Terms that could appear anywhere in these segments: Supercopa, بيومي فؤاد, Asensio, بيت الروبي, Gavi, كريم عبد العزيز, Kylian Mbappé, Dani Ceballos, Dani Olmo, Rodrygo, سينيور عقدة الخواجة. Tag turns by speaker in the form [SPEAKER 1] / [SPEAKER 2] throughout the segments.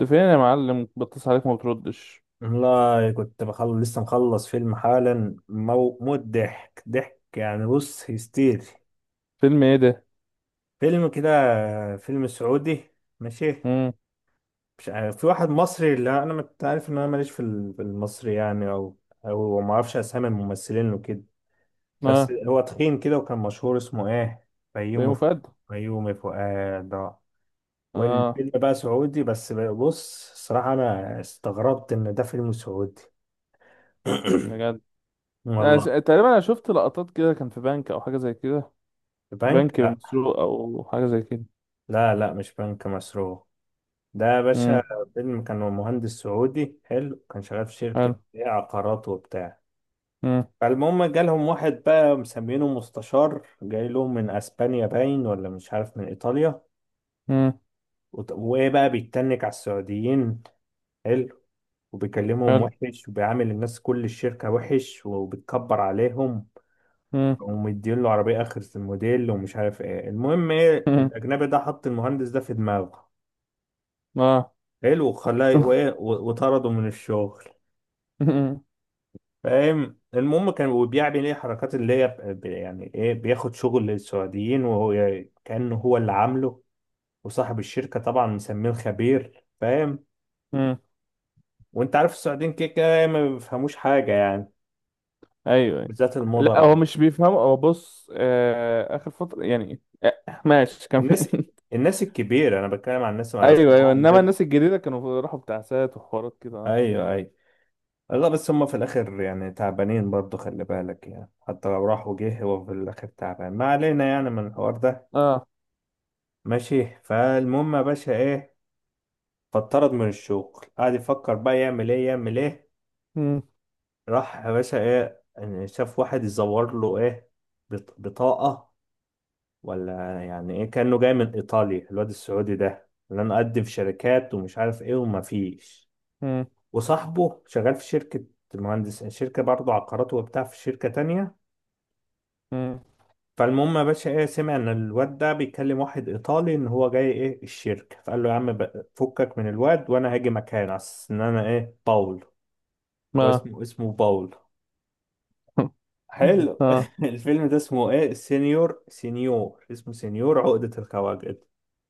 [SPEAKER 1] انت فين يا معلم؟ بتصل عليك ما بتردش.
[SPEAKER 2] والله كنت بخلص لسه مخلص فيلم حالا. موت ضحك ضحك يعني. بص هيستيري.
[SPEAKER 1] فيلم ايه ده؟
[SPEAKER 2] فيلم كده، فيلم سعودي، ماشي.
[SPEAKER 1] امم.
[SPEAKER 2] مش عارف، في واحد مصري. لا انا عارف ان انا ماليش في المصري، يعني، او ما اعرفش اسامي الممثلين وكده. بس
[SPEAKER 1] اه.
[SPEAKER 2] هو تخين كده وكان مشهور، اسمه ايه؟ بيومي
[SPEAKER 1] بيومي
[SPEAKER 2] فؤاد.
[SPEAKER 1] فؤاد.
[SPEAKER 2] بيومي فؤاد آه.
[SPEAKER 1] اه،
[SPEAKER 2] والفيلم بقى سعودي، بس بص الصراحة انا استغربت ان ده فيلم سعودي.
[SPEAKER 1] بجد؟
[SPEAKER 2] والله.
[SPEAKER 1] تقريبا انا شفت لقطات كده، كان في بنك او حاجه زي كده.
[SPEAKER 2] البنك؟
[SPEAKER 1] بنك
[SPEAKER 2] لا.
[SPEAKER 1] مسروق او حاجه زي كده.
[SPEAKER 2] لا، لا، مش بنك مسروق. ده يا باشا
[SPEAKER 1] امم.
[SPEAKER 2] فيلم كان هو مهندس سعودي حلو، كان شغال في شركة،
[SPEAKER 1] حلو.
[SPEAKER 2] إيه، عقارات وبتاع.
[SPEAKER 1] امم.
[SPEAKER 2] فالمهم جالهم واحد بقى مسمينه مستشار، جاي لهم من اسبانيا باين، ولا مش عارف، من ايطاليا.
[SPEAKER 1] امم.
[SPEAKER 2] وايه بقى، بيتنك على السعوديين. حلو. وبيكلمهم
[SPEAKER 1] حلو.
[SPEAKER 2] وحش، وبيعامل الناس كل الشركة وحش، وبيتكبر عليهم،
[SPEAKER 1] امم.
[SPEAKER 2] ومدين له عربية آخر الموديل ومش عارف ايه. المهم ايه،
[SPEAKER 1] امم.
[SPEAKER 2] الأجنبي ده حط المهندس ده في دماغه،
[SPEAKER 1] اه.
[SPEAKER 2] حلو، وخلاه وإيه، وطرده من الشغل.
[SPEAKER 1] امم.
[SPEAKER 2] فاهم؟ المهم كان وبيعمل ايه حركات اللي هي يعني ايه، بياخد شغل للسعوديين وهو كأنه هو اللي عامله. وصاحب الشركة طبعا مسميه الخبير، فاهم.
[SPEAKER 1] امم.
[SPEAKER 2] وانت عارف السعوديين كده كده ما بيفهموش حاجة يعني.
[SPEAKER 1] ايوه، أيوة.
[SPEAKER 2] بالذات
[SPEAKER 1] لا
[SPEAKER 2] المدراء.
[SPEAKER 1] هو مش بيفهم، هو بص اخر فتره يعني، ماشي كم.
[SPEAKER 2] الناس الناس الكبيرة انا بتكلم عن الناس، على أساس إن
[SPEAKER 1] ايوه، ايوه،
[SPEAKER 2] هو
[SPEAKER 1] انما
[SPEAKER 2] مدير.
[SPEAKER 1] الناس الجديده كانوا راحوا بتاع سات وحوارات كده، اه.
[SPEAKER 2] ايوه، ايوه. لا بس هم في الاخر يعني تعبانين برضه، خلي بالك يعني. حتى لو راح وجه هو في الاخر تعبان. ما علينا يعني من الحوار ده.
[SPEAKER 1] اه.
[SPEAKER 2] ماشي. فالمهم يا باشا ايه، فاتطرد من الشغل. قعد يفكر بقى يعمل ايه، يعمل ايه.
[SPEAKER 1] مم.
[SPEAKER 2] راح يا باشا ايه يعني، شاف واحد يزور له ايه، بطاقة ولا يعني ايه، كأنه جاي من ايطاليا. الواد السعودي ده اللي انا اقدم في شركات ومش عارف ايه، وما فيش. وصاحبه شغال في شركة، المهندس، شركة برضه عقارات وبتاع، في شركة تانية.
[SPEAKER 1] مم.
[SPEAKER 2] فالمهم يا باشا ايه، سمع ان الواد ده بيكلم واحد ايطالي ان هو جاي ايه الشركه. فقال له يا عم فكك من الواد، وانا هاجي مكانه على اساس ان انا ايه، باول. هو
[SPEAKER 1] ما
[SPEAKER 2] اسمه باول. حلو.
[SPEAKER 1] اه،
[SPEAKER 2] الفيلم ده اسمه ايه، سينيور، سينيور، اسمه سينيور عقدة الخواجد.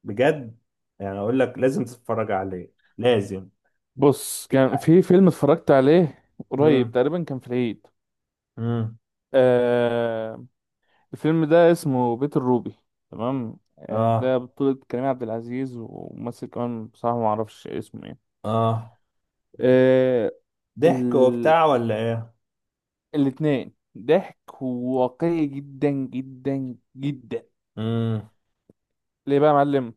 [SPEAKER 2] بجد. يعني اقول لك لازم تتفرج عليه، لازم.
[SPEAKER 1] بص كان في فيلم اتفرجت عليه، قريب
[SPEAKER 2] امم.
[SPEAKER 1] تقريبا كان في العيد.
[SPEAKER 2] امم.
[SPEAKER 1] آه. الفيلم ده اسمه بيت الروبي. تمام.
[SPEAKER 2] اه.
[SPEAKER 1] ده بطولة كريم عبد العزيز وممثل كمان، بصراحة ما اعرفش اسمه ايه.
[SPEAKER 2] اه.
[SPEAKER 1] آه.
[SPEAKER 2] ضحك
[SPEAKER 1] ال...
[SPEAKER 2] وبتاع ولا ايه؟
[SPEAKER 1] الاتنين ضحك واقعي جدا جدا جدا.
[SPEAKER 2] امم.
[SPEAKER 1] ليه بقى يا معلم؟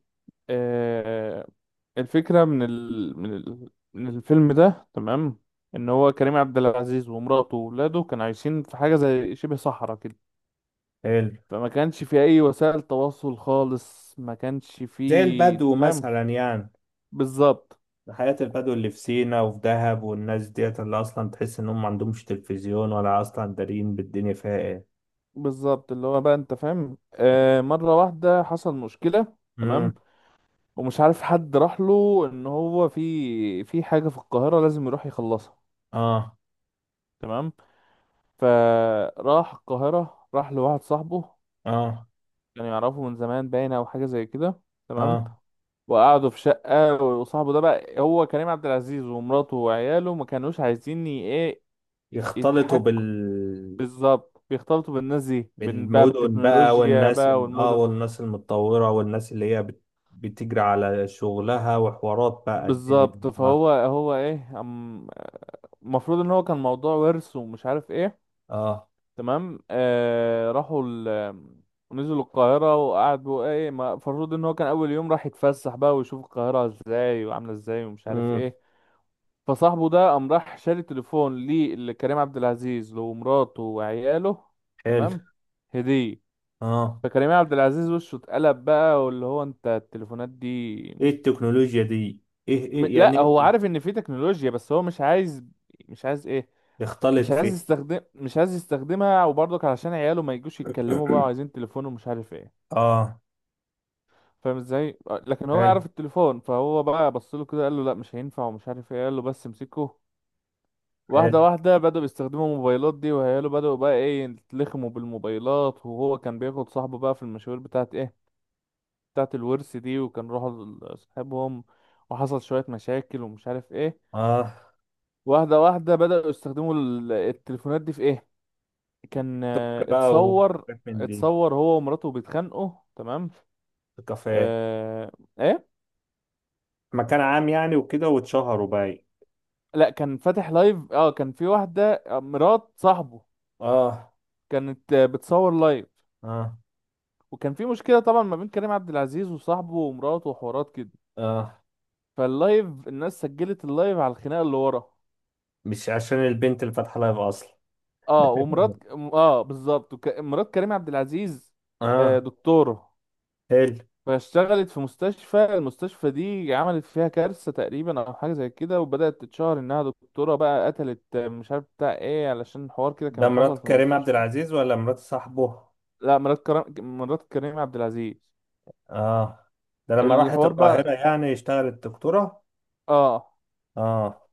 [SPEAKER 1] آه، الفكرة من الفيلم ده، تمام. ان هو كريم عبد العزيز ومراته وولاده كانوا عايشين في حاجة زي شبه صحراء كده.
[SPEAKER 2] حلو.
[SPEAKER 1] فما كانش في اي وسائل تواصل خالص، ما كانش في،
[SPEAKER 2] زي
[SPEAKER 1] انت
[SPEAKER 2] البدو
[SPEAKER 1] فاهم.
[SPEAKER 2] مثلا يعني،
[SPEAKER 1] بالظبط.
[SPEAKER 2] حياة البدو اللي في سينا وفي دهب والناس ديت اللي أصلا تحس إنهم ما عندهمش تلفزيون، ولا أصلا دارين بالدنيا فيها إيه.
[SPEAKER 1] بالظبط، اللي هو بقى انت فاهم، مرة واحدة حصل مشكلة.
[SPEAKER 2] مم.
[SPEAKER 1] تمام. ومش عارف حد راح له ان هو في حاجة في القاهرة لازم يروح يخلصها.
[SPEAKER 2] آه.
[SPEAKER 1] تمام. فراح القاهرة، راح لواحد صاحبه.
[SPEAKER 2] آه.
[SPEAKER 1] كانوا يعرفوا من زمان باينة او حاجة زي كده. تمام.
[SPEAKER 2] آه.
[SPEAKER 1] وقعدوا في شقة، وصاحبه ده بقى هو كريم عبد العزيز، ومراته وعياله ما كانوش عايزين ايه،
[SPEAKER 2] يختلطوا بال،
[SPEAKER 1] يتحكوا. بالظبط، بيختلطوا بالناس دي بقى
[SPEAKER 2] بالمدن بقى
[SPEAKER 1] بالتكنولوجيا
[SPEAKER 2] والناس
[SPEAKER 1] بقى والمدن.
[SPEAKER 2] والناس المتطورة والناس اللي هي بتجري على شغلها وحوارات بقى الدنيا دي.
[SPEAKER 1] بالظبط.
[SPEAKER 2] آه.
[SPEAKER 1] فهو هو ايه المفروض ان هو كان موضوع ورث ومش عارف ايه.
[SPEAKER 2] آه.
[SPEAKER 1] تمام. راحوا نزلوا القاهرة وقعدوا ايه، المفروض ان هو كان اول يوم راح يتفسح بقى ويشوف القاهرة ازاي وعاملة ازاي ومش عارف
[SPEAKER 2] مم.
[SPEAKER 1] ايه. فصاحبه ده قام راح شاري تليفون لكريم عبد العزيز، لمراته وعياله.
[SPEAKER 2] حلو.
[SPEAKER 1] تمام. هدية.
[SPEAKER 2] آه.
[SPEAKER 1] فكريم عبد العزيز وشه اتقلب بقى، واللي هو انت التليفونات دي.
[SPEAKER 2] إيه التكنولوجيا دي؟ إيه إيه يعني
[SPEAKER 1] لا هو
[SPEAKER 2] إيه.
[SPEAKER 1] عارف ان في تكنولوجيا بس هو مش عايز. مش عايز ايه؟
[SPEAKER 2] يختلط في.
[SPEAKER 1] مش عايز يستخدمها، وبرضك علشان عياله ما يجوش يتكلموا بقى، وعايزين تليفون ومش عارف ايه.
[SPEAKER 2] آه.
[SPEAKER 1] فاهم ازاي. لكن هو
[SPEAKER 2] حلو.
[SPEAKER 1] يعرف التليفون، فهو بقى بص له كده قال له لا مش هينفع ومش عارف ايه، قال له بس امسكه. واحدة
[SPEAKER 2] حلو.
[SPEAKER 1] واحدة بدأوا يستخدموا الموبايلات دي، وهيالو بدأوا بقى ايه يتلخموا بالموبايلات، وهو كان بياخد صاحبه بقى في المشاوير بتاعت ايه، بتاعت الورث دي. وكان راحوا لصاحبهم، وحصل شوية مشاكل ومش عارف ايه.
[SPEAKER 2] آه.
[SPEAKER 1] واحدة واحدة بدأوا يستخدموا التليفونات دي في ايه. كان،
[SPEAKER 2] سك بقى
[SPEAKER 1] اتصور،
[SPEAKER 2] وحاجات من دي.
[SPEAKER 1] اتصور هو ومراته بيتخانقوا. تمام.
[SPEAKER 2] في كافيه،
[SPEAKER 1] اه. ايه.
[SPEAKER 2] مكان عام يعني وكده، واتشهروا بقى.
[SPEAKER 1] لا، كان فاتح لايف. اه كان في واحدة، مرات صاحبه،
[SPEAKER 2] اه.
[SPEAKER 1] كانت بتصور لايف.
[SPEAKER 2] اه.
[SPEAKER 1] وكان في مشكله طبعا ما بين كريم عبد العزيز وصاحبه ومراته وحوارات كده.
[SPEAKER 2] اه.
[SPEAKER 1] فاللايف الناس سجلت اللايف على الخناقه اللي ورا.
[SPEAKER 2] مش عشان البنت اللي فاتحه لايف اصلا.
[SPEAKER 1] اه، ومرات. اه، بالظبط. مرات كريم عبد العزيز
[SPEAKER 2] اه.
[SPEAKER 1] دكتوره.
[SPEAKER 2] حلو.
[SPEAKER 1] فاشتغلت في مستشفى، المستشفى دي عملت فيها كارثه تقريبا او حاجه زي كده، وبدات تتشهر انها دكتوره بقى قتلت، مش عارف بتاع ايه، علشان حوار كده
[SPEAKER 2] ده
[SPEAKER 1] كان
[SPEAKER 2] مرات
[SPEAKER 1] حصل في
[SPEAKER 2] كريم عبد
[SPEAKER 1] المستشفى.
[SPEAKER 2] العزيز ولا مرات صاحبه؟
[SPEAKER 1] لا، مرات كريم عبد العزيز.
[SPEAKER 2] اه. ده لما راحت
[SPEAKER 1] الحوار
[SPEAKER 2] القاهرة
[SPEAKER 1] بقى،
[SPEAKER 2] يعني اشتغلت دكتورة.
[SPEAKER 1] اه،
[SPEAKER 2] اه.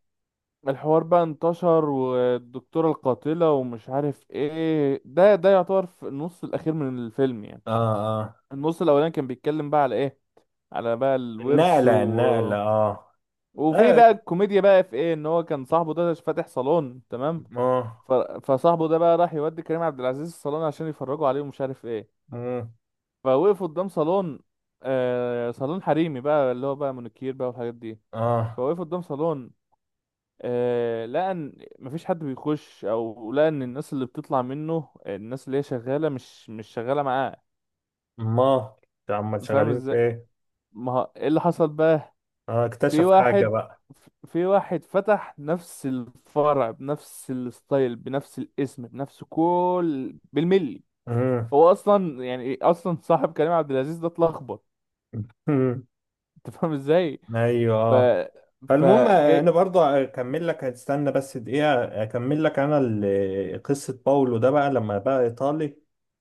[SPEAKER 1] الحوار بقى انتشر، والدكتورة القاتلة ومش عارف ايه. ده يعتبر في النص الأخير من الفيلم يعني.
[SPEAKER 2] اه. اه.
[SPEAKER 1] النص الأولاني كان بيتكلم بقى على ايه، على بقى الورث
[SPEAKER 2] النقلة النقلة، اه.
[SPEAKER 1] وفي
[SPEAKER 2] اه.
[SPEAKER 1] بقى الكوميديا بقى في ايه، ان هو كان صاحبه ده فاتح صالون، تمام.
[SPEAKER 2] اه.
[SPEAKER 1] ف... فصاحبه ده بقى راح يودي كريم عبد العزيز الصالون عشان يفرجوا عليه ومش عارف ايه.
[SPEAKER 2] مم.
[SPEAKER 1] فوقفوا قدام صالون، صالون حريمي بقى، اللي هو بقى منوكير بقى والحاجات دي.
[SPEAKER 2] اه.
[SPEAKER 1] فوقفوا قدام صالون، لقى ان مفيش حد بيخش، او لقى ان الناس اللي بتطلع منه، الناس اللي هي شغاله مش شغاله معاه.
[SPEAKER 2] ما عم
[SPEAKER 1] فاهم
[SPEAKER 2] شغالين في
[SPEAKER 1] ازاي.
[SPEAKER 2] ايه.
[SPEAKER 1] ما هو ايه اللي حصل بقى؟
[SPEAKER 2] اه،
[SPEAKER 1] في
[SPEAKER 2] اكتشف حاجة
[SPEAKER 1] واحد
[SPEAKER 2] بقى.
[SPEAKER 1] في واحد فتح نفس الفرع بنفس الستايل بنفس الاسم بنفس كل بالملي.
[SPEAKER 2] مم.
[SPEAKER 1] هو اصلا يعني اصلا صاحب كريم عبد العزيز ده اتلخبط. انت فاهم ازاي.
[SPEAKER 2] ايوه،
[SPEAKER 1] ف
[SPEAKER 2] اه. فالمهم، انا
[SPEAKER 1] فجاي.
[SPEAKER 2] برضو اكمل لك، هتستنى بس دقيقه اكمل لك انا قصه باولو ده بقى لما بقى ايطالي.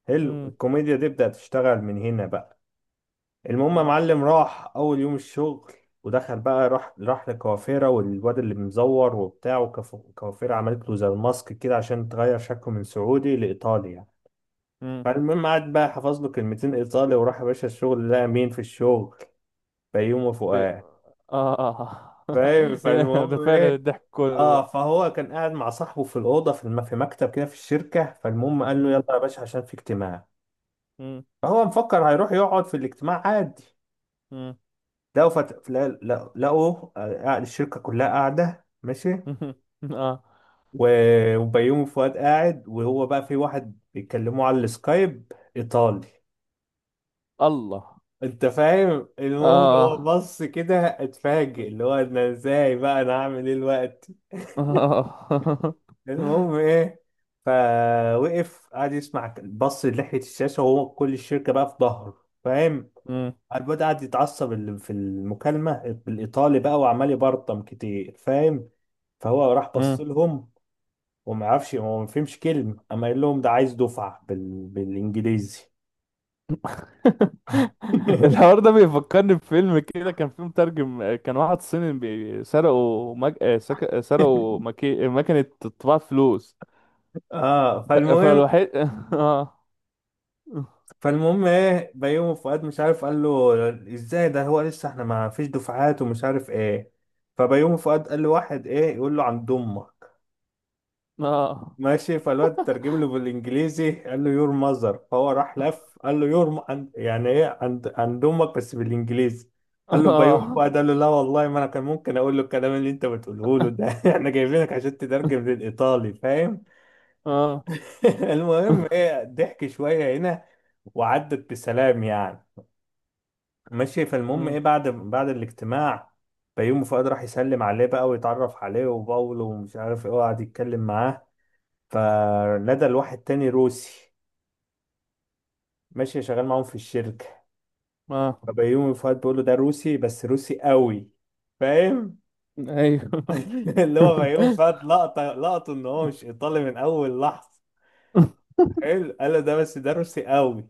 [SPEAKER 2] حلو،
[SPEAKER 1] مم.
[SPEAKER 2] الكوميديا دي بدات تشتغل من هنا بقى. المهم يا
[SPEAKER 1] مم.
[SPEAKER 2] معلم، راح اول يوم الشغل ودخل بقى، راح لكوافيرا، والواد اللي مزور وبتاع، وكوافيرا عملت له زي الماسك كده عشان تغير شكله من سعودي لايطالي يعني.
[SPEAKER 1] مم.
[SPEAKER 2] فالمهم قعد بقى حفظ له كلمتين ايطالي، وراح يا باشا الشغل. لقى مين في الشغل؟ فيومه
[SPEAKER 1] ب-
[SPEAKER 2] فؤاد.
[SPEAKER 1] اه.
[SPEAKER 2] فاهم؟
[SPEAKER 1] هنا ده
[SPEAKER 2] فالمهم
[SPEAKER 1] فعلا
[SPEAKER 2] ايه،
[SPEAKER 1] الضحك كله.
[SPEAKER 2] اه، فهو كان قاعد مع صاحبه في الاوضه، في مكتب كده في الشركه. فالمهم قال له
[SPEAKER 1] مم.
[SPEAKER 2] يلا يا باشا عشان في اجتماع.
[SPEAKER 1] مم.
[SPEAKER 2] فهو مفكر هيروح يقعد في الاجتماع عادي.
[SPEAKER 1] مم.
[SPEAKER 2] لقوا فت... لا- لا- لقوا آه، قاعد- الشركه كلها قاعده، ماشي.
[SPEAKER 1] اه.
[SPEAKER 2] وبيومي فؤاد قاعد، وهو بقى في واحد بيتكلموا على السكايب، ايطالي.
[SPEAKER 1] الله.
[SPEAKER 2] انت فاهم؟
[SPEAKER 1] اه،
[SPEAKER 2] المهم هو
[SPEAKER 1] آه.
[SPEAKER 2] بص كده، اتفاجئ اللي هو انا ازاي بقى، انا هعمل ايه الوقت. المهم ايه، فوقف قعد يسمع، بص لحية الشاشة وهو كل الشركة بقى في ظهره، فاهم.
[SPEAKER 1] مم.
[SPEAKER 2] الواد قعد يتعصب في المكالمة بالإيطالي بقى وعمال يبرطم كتير، فاهم. فهو راح
[SPEAKER 1] مم.
[SPEAKER 2] بص لهم، وما يعرفش. هو ما فهمش كلمة، أما قال لهم ده عايز دفعة بالإنجليزي.
[SPEAKER 1] الحوار ده بيفكرني بفيلم كده، كان فيه مترجم، كان واحد صيني، سرقوا سرقوا مكنة طباعة فلوس.
[SPEAKER 2] اه. فالمهم
[SPEAKER 1] فالوحيد. اه.
[SPEAKER 2] فالمهم ايه، بيومي فؤاد مش عارف قال له ازاي، ده هو لسه احنا ما فيش دفعات ومش عارف ايه. فبيومي فؤاد قال له واحد ايه، يقول له عند امك.
[SPEAKER 1] اه.
[SPEAKER 2] ماشي. فالواد ترجم له بالانجليزي، قال له يور ماذر. فهو راح لف قال له يور يعني ايه، عند امك، بس بالانجليزي. قال له بيومي
[SPEAKER 1] اه.
[SPEAKER 2] فؤاد قال له لا والله، ما انا كان ممكن اقول له الكلام اللي انت بتقوله له ده. احنا جايبينك عشان تترجم للايطالي، فاهم.
[SPEAKER 1] اه.
[SPEAKER 2] المهم ايه، ضحك شويه هنا، وعدت بسلام يعني. ماشي. فالمهم ايه،
[SPEAKER 1] مم.
[SPEAKER 2] بعد الاجتماع بيومي فؤاد راح يسلم عليه بقى ويتعرف عليه، وباولو ومش عارف ايه، وقعد يتكلم معاه. فندى لواحد تاني روسي، ماشي، شغال معاهم في الشركة.
[SPEAKER 1] اه.
[SPEAKER 2] فبيومي فؤاد بيقول له ده روسي، بس روسي قوي، فاهم.
[SPEAKER 1] ايوه.
[SPEAKER 2] اللي هو بيومي فؤاد لقطة لقطه ان هو مش ايطالي من اول لحظة. حلو. قال له ده، بس ده روسي قوي.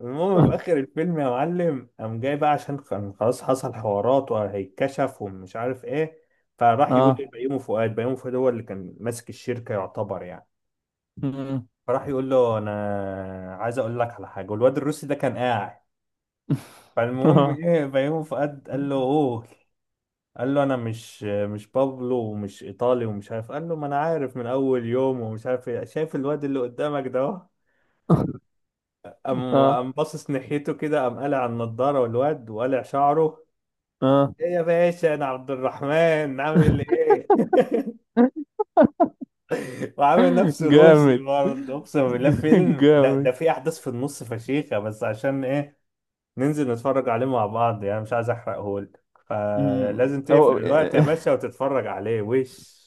[SPEAKER 2] المهم في اخر الفيلم يا معلم قام جاي بقى، عشان كان خلاص حصل حوارات وهيتكشف ومش عارف ايه. فراح يقول لبيومي فؤاد، بيومي فؤاد هو اللي كان ماسك الشركه يعتبر يعني.
[SPEAKER 1] اه.
[SPEAKER 2] فراح يقول له انا عايز اقول لك على حاجه. والواد الروسي ده كان قاعد. فالمهم
[SPEAKER 1] اه.
[SPEAKER 2] ايه، بيومي فؤاد قال له قول. قال له انا مش بابلو ومش ايطالي ومش عارف. قال له ما انا عارف من اول يوم ومش عارف ايه، شايف الواد اللي قدامك ده أهو؟ قام
[SPEAKER 1] اه.
[SPEAKER 2] قام باصص ناحيته كده، قام قالع النضاره والواد، وقالع شعره،
[SPEAKER 1] اه.
[SPEAKER 2] ايه يا باشا انا عبد الرحمن، عامل ايه. وعامل نفسه روسي
[SPEAKER 1] جامد.
[SPEAKER 2] برضه، اقسم بالله. فيلم ده
[SPEAKER 1] جامد.
[SPEAKER 2] ده فيه احداث في النص فشيخه، بس عشان ايه، ننزل نتفرج عليه مع بعض يعني، مش عايز احرقهولك. فلازم تقفل
[SPEAKER 1] أو.
[SPEAKER 2] الوقت يا باشا وتتفرج عليه. وش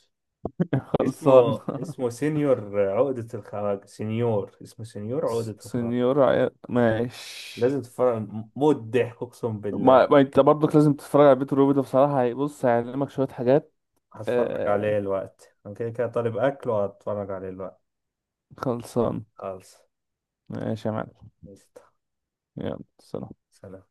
[SPEAKER 1] خلصان.
[SPEAKER 2] اسمه، اسمه سينيور عقدة الخواجة، سينيور، اسمه سينيور عقدة الخواجة.
[SPEAKER 1] سنيور عيال، ماشي.
[SPEAKER 2] لازم تتفرج، موت ضحك، اقسم
[SPEAKER 1] ما,
[SPEAKER 2] بالله.
[SPEAKER 1] ما انت برضك لازم تتفرج على بيت الروبي ده، بصراحة هيبص هيعلمك شوية حاجات.
[SPEAKER 2] هتفرج
[SPEAKER 1] آه...
[SPEAKER 2] عليه الوقت، انا كده كده طالب اكل وهتفرج عليه الوقت.
[SPEAKER 1] خلصان.
[SPEAKER 2] خالص.
[SPEAKER 1] ماشي يا معلم. يلا، سلام.
[SPEAKER 2] سلام.